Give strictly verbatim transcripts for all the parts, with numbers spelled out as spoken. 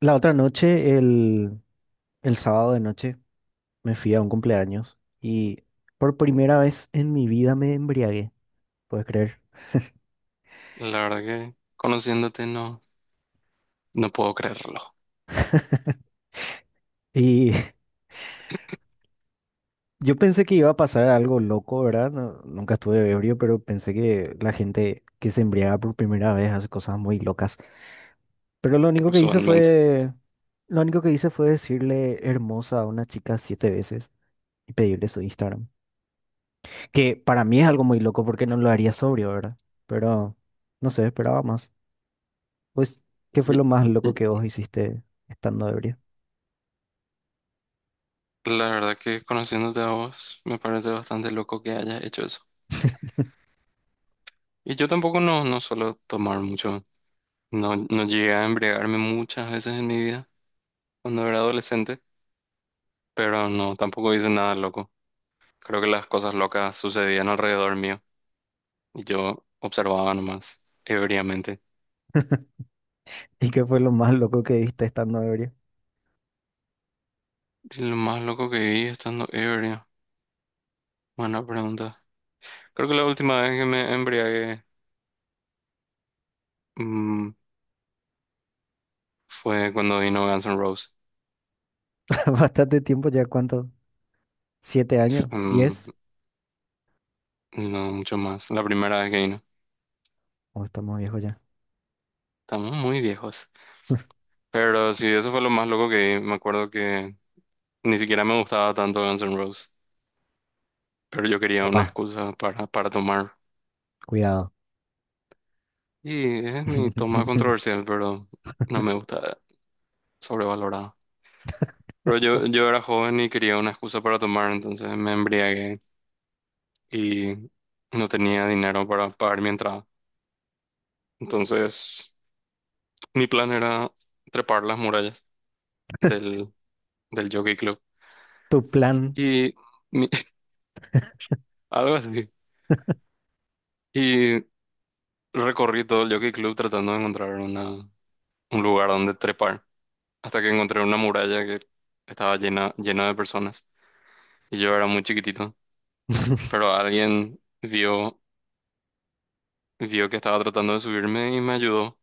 La otra noche, el, el sábado de noche, me fui a un cumpleaños y por primera vez en mi vida me embriagué, puedes creer. La verdad que conociéndote no, no puedo creerlo, Y yo pensé que iba a pasar algo loco, ¿verdad? No- nunca estuve ebrio, pero pensé que la gente que se embriaga por primera vez hace cosas muy locas. Pero lo único que hice usualmente. fue, lo único que hice fue decirle hermosa a una chica siete veces y pedirle su Instagram, que para mí es algo muy loco porque no lo haría sobrio, ¿verdad? Pero no sé, esperaba más. Pues, ¿qué fue Y lo más loco que vos hiciste estando ebrio? y la verdad que conociéndote a vos me parece bastante loco que hayas hecho eso. Y yo tampoco no, no suelo tomar mucho, no, no llegué a embriagarme muchas veces en mi vida cuando era adolescente, pero no, tampoco hice nada loco. Creo que las cosas locas sucedían alrededor mío y yo observaba nomás ebriamente. ¿Y qué fue lo más loco que viste estando ebrio? Y lo más loco que vi estando ebrio, buena pregunta. Creo que la última vez que me embriagué mm, fue cuando vino Guns N' Roses. Bastante tiempo ya, ¿cuánto? ¿Siete años? Mm, ¿Diez? no mucho más. La primera vez que vino. ¿O estamos viejos ya? Estamos muy viejos. Pero sí, eso fue lo más loco que vi. Me acuerdo que ni siquiera me gustaba tanto Guns N' Roses. Pero yo quería una Papá, excusa para, para tomar. cuidado. Y es mi toma controversial, pero no me gusta, sobrevalorada. Pero Oh, yo, yo era joven y quería una excusa para tomar, entonces me embriagué y no tenía dinero para pagar mi entrada. Entonces, mi plan era trepar las murallas del del Jockey Club. tu plan, Y mi- algo así. Y recorrí todo el Jockey Club tratando de encontrar una, un lugar donde trepar, hasta que encontré una muralla que estaba llena, llena de personas. Y yo era muy chiquitito, pero alguien vio, vio que estaba tratando de subirme y me ayudó.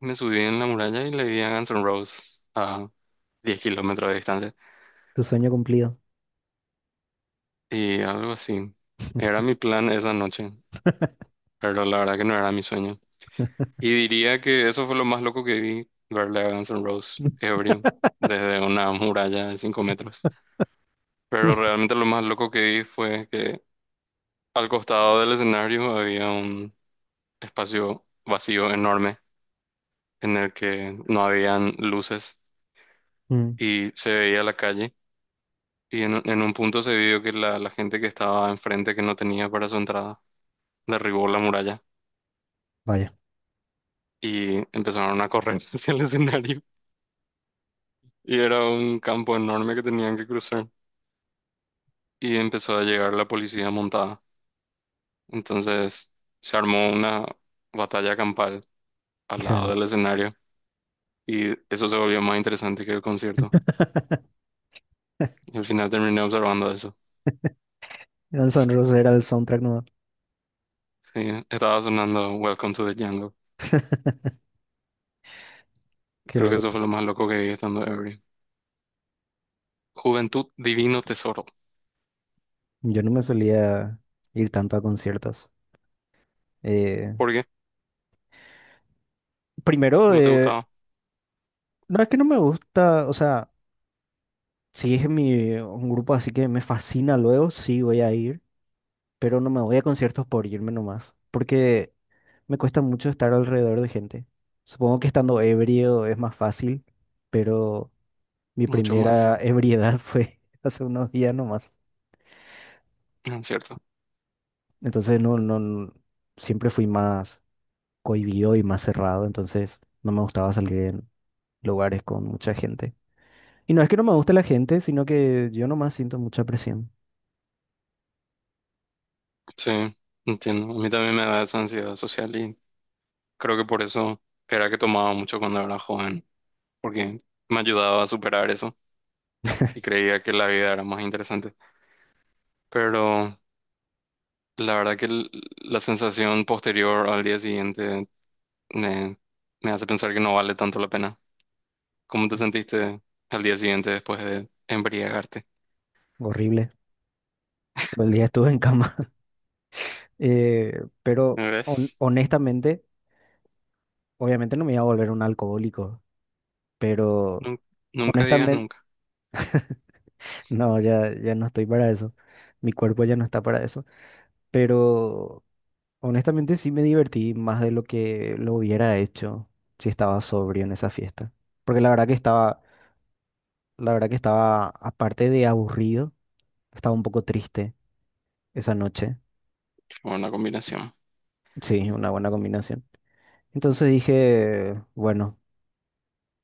Me subí en la muralla y le vi a Guns N' Roses a diez kilómetros de distancia. tu sueño cumplido. Y algo así. Era mi plan esa noche, pero la verdad que no era mi sueño. Y diría que eso fue lo más loco que vi, verle a Guns N' Roses ebrio desde una muralla de cinco metros. Pero realmente lo más loco que vi fue que al costado del escenario había un espacio vacío enorme en el que no habían luces Mm, y se veía la calle. Y en, en un punto se vio que la, la gente que estaba enfrente, que no tenía para su entrada, derribó la muralla vaya, y empezaron a correr hacia el escenario. Y era un campo enorme que tenían que cruzar, y empezó a llegar la policía montada. Entonces se armó una batalla campal al hija de lado mí. del escenario y eso se volvió más interesante que el concierto. Y al final terminé observando eso. Guns N' Roses era el soundtrack nuevo. Sí, estaba sonando Welcome to the Jungle. Que Creo que luego eso fue lo más loco que vi estando ebrio. Juventud, divino tesoro. yo no me solía ir tanto a conciertos. Eh, ¿Por qué? Primero, ¿No te eh, gustaba? no es que no me gusta, o sea. Si es mi, un grupo así que me fascina luego, sí voy a ir, pero no me voy a conciertos por irme nomás, porque me cuesta mucho estar alrededor de gente. Supongo que estando ebrio es más fácil, pero mi Mucho más, primera ebriedad fue hace unos días nomás. ¿no es ¿cierto? Entonces no, no, no- siempre fui más cohibido y más cerrado, entonces no me gustaba salir en lugares con mucha gente. Y no es que no me guste la gente, sino que yo nomás siento mucha presión. Sí, entiendo. A mí también me da esa ansiedad social y creo que por eso era que tomaba mucho cuando era joven, porque me ayudaba a superar eso, y creía que la vida era más interesante. Pero la verdad que l- la sensación posterior al día siguiente me, me hace pensar que no vale tanto la pena. ¿Cómo te sentiste al día siguiente después de embriagarte? Horrible. Todo el día estuve en cama. Eh, pero hon- ¿Ves? honestamente, obviamente no me iba a volver un alcohólico, pero Nun- Nunca, digas honestamente, nunca. no, ya, ya no estoy para eso. Mi cuerpo ya no está para eso. Pero honestamente sí me divertí más de lo que lo hubiera hecho si estaba sobrio en esa fiesta. Porque la verdad que estaba, la verdad que estaba, aparte de aburrido, estaba un poco triste esa noche. Buena combinación. Sí, una buena combinación. Entonces dije, bueno.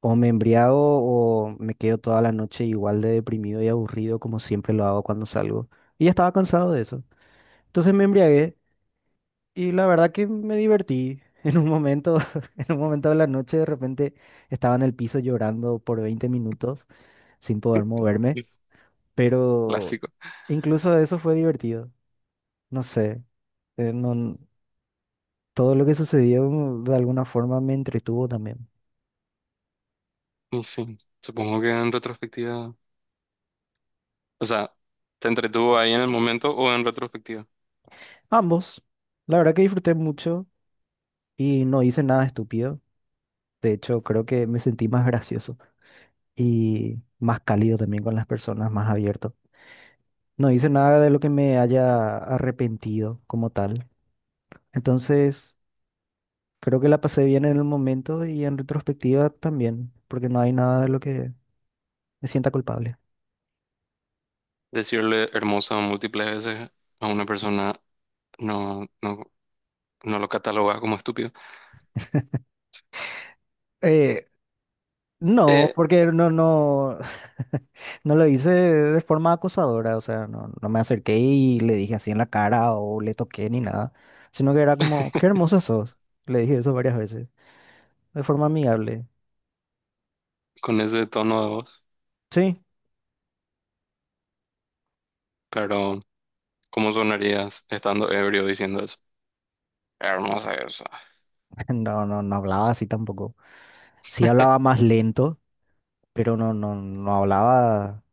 O me embriago o me quedo toda la noche igual de deprimido y aburrido como siempre lo hago cuando salgo. Y ya estaba cansado de eso. Entonces me embriagué y la verdad que me divertí. En un momento, en un momento de la noche de repente estaba en el piso llorando por veinte minutos sin poder moverme, pero Clásico. incluso eso fue divertido. No sé, eh, no- todo lo que sucedió de alguna forma me entretuvo también. Y sí, supongo que en retrospectiva, o sea, ¿te entretuvo ahí en el momento o en retrospectiva? Ambos, la verdad que disfruté mucho y no hice nada estúpido. De hecho, creo que me sentí más gracioso y más cálido también con las personas, más abierto. No hice nada de lo que me haya arrepentido como tal. Entonces, creo que la pasé bien en el momento y en retrospectiva también, porque no hay nada de lo que me sienta culpable. Decirle hermosa múltiples veces a una persona no, no, no lo cataloga como estúpido. Eh, no, Eh, porque no, no, no lo hice de forma acosadora, o sea, no, no me acerqué y le dije así en la cara o le toqué ni nada, sino que era como, qué hermosa sos. Le dije eso varias veces de forma amigable. con ese tono de voz, Sí, pero ¿cómo sonarías estando ebrio diciendo eso? Hermosa eso. no, no, no hablaba así tampoco. Sí hablaba más lento, pero no, no, no hablaba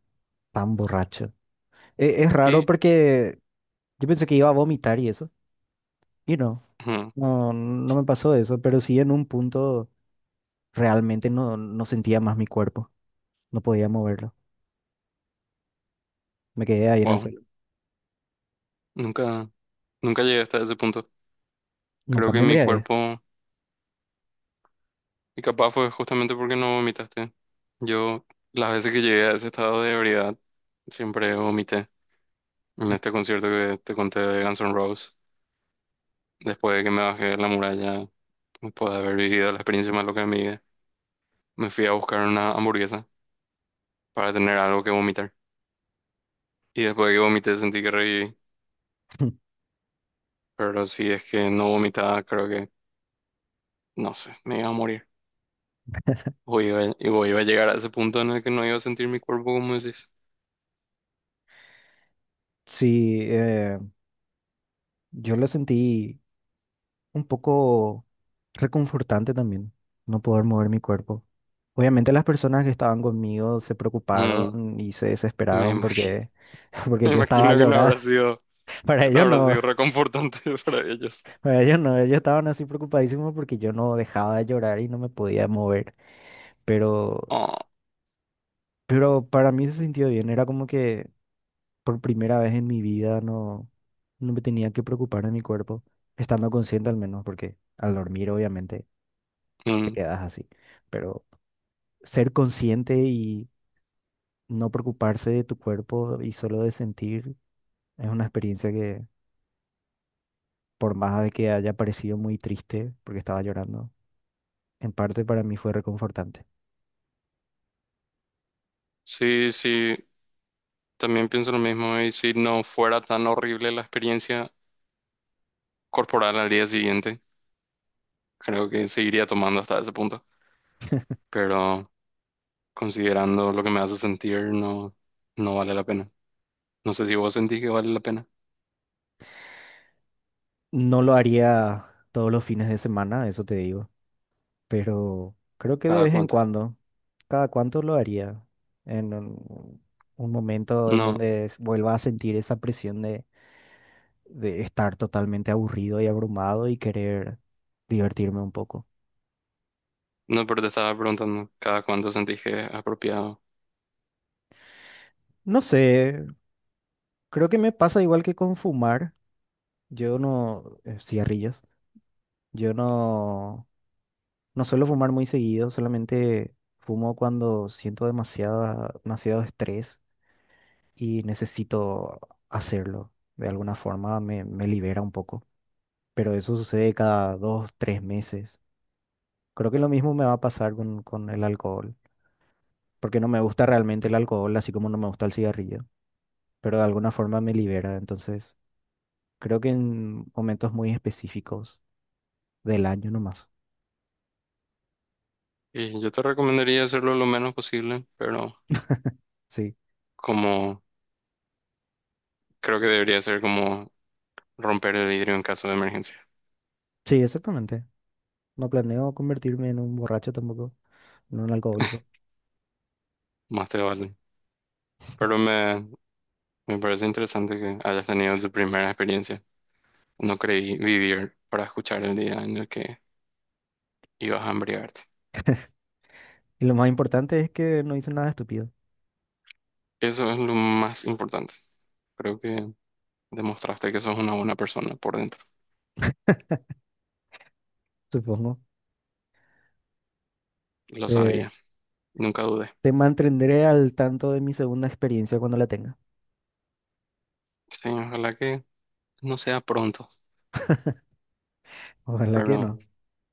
tan borracho. E- es raro ¿Qué? porque yo pensé que iba a vomitar y eso, y no, Ujú, no, no me pasó eso, pero sí en un punto realmente no, no sentía más mi cuerpo, no podía moverlo. Me quedé ahí en el wow, suelo. nunca, nunca llegué hasta ese punto. Nunca Creo me que mi embriagué. cuerpo, y capaz fue justamente porque no vomitaste. Yo, las veces que llegué a ese estado de ebriedad, siempre vomité. En este concierto que te conté de Guns N' Roses, después de que me bajé de la muralla, después de haber vivido la experiencia más loca de mi vida, me fui a buscar una hamburguesa para tener algo que vomitar. Y después de que vomité sentí que reviví. Pero si es que no vomitaba, creo que, no sé, me iba a morir. O iba, o iba a llegar a ese punto en el que no iba a sentir mi cuerpo, como decís. Sí, eh, yo lo sentí un poco reconfortante también, no poder mover mi cuerpo. Obviamente las personas que estaban conmigo se Mm, preocuparon y se me desesperaron imagino, porque, porque me yo estaba imagino que no llorando. habrá sido, Para que no ellos habrá no, sido reconfortante para ellos. para ellos no, ellos estaban así preocupadísimos porque yo no dejaba de llorar y no me podía mover. Pero, Oh, pero para mí se sintió bien, era como que por primera vez en mi vida no, no me tenía que preocupar de mi cuerpo, estando consciente al menos, porque al dormir obviamente te mm. quedas así. Pero ser consciente y no preocuparse de tu cuerpo y solo de sentir. Es una experiencia que, por más de que haya parecido muy triste, porque estaba llorando, en parte para mí fue reconfortante. Sí, sí, también pienso lo mismo. Y si no fuera tan horrible la experiencia corporal al día siguiente, creo que seguiría tomando hasta ese punto. Pero considerando lo que me hace sentir, no, no vale la pena. No sé si vos sentís que vale la pena. No lo haría todos los fines de semana, eso te digo, pero creo que de ¿Cada vez en cuánto? cuando, cada cuánto lo haría, en un, un momento en No, donde s- vuelva a sentir esa presión de, de, estar totalmente aburrido y abrumado y querer divertirme un poco. no, pero te estaba preguntando cada cuánto sentís que es apropiado. No sé, creo que me pasa igual que con fumar. Yo no, eh, cigarrillos. Yo no, no suelo fumar muy seguido, solamente fumo cuando siento demasiada, demasiado estrés y necesito hacerlo. De alguna forma me, me libera un poco, pero eso sucede cada dos, tres meses. Creo que lo mismo me va a pasar con, con el alcohol, porque no me gusta realmente el alcohol, así como no me gusta el cigarrillo, pero de alguna forma me libera. Entonces, creo que en momentos muy específicos del año nomás. Y yo te recomendaría hacerlo lo menos posible, pero Sí, como creo que debería ser como romper el vidrio en caso de emergencia. sí, exactamente. No planeo convertirme en un borracho tampoco, en un alcohólico. Más te vale. Pero me, me parece interesante que hayas tenido tu primera experiencia. No creí vivir para escuchar el día en el que ibas a embriagarte. Y lo más importante es que no hice nada estúpido, Eso es lo más importante. Creo que demostraste que sos una buena persona por dentro. supongo. Lo Te, sabía. Nunca dudé. te mantendré al tanto de mi segunda experiencia cuando la tenga. Sí, ojalá que no sea pronto, Ojalá que pero... no,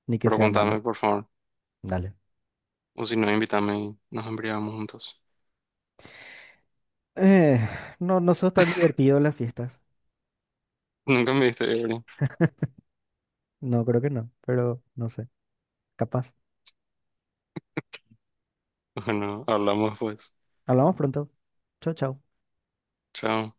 ni que sea malo. Preguntame, por favor. Dale. O si no, invítame y nos embriagamos juntos. Eh, no, no sos tan divertido en las fiestas. Nunca me diste, Evelyn. No, creo que no, pero no sé. Capaz. Bueno, hablamos pues. Hablamos pronto. Chau, chau. Chao.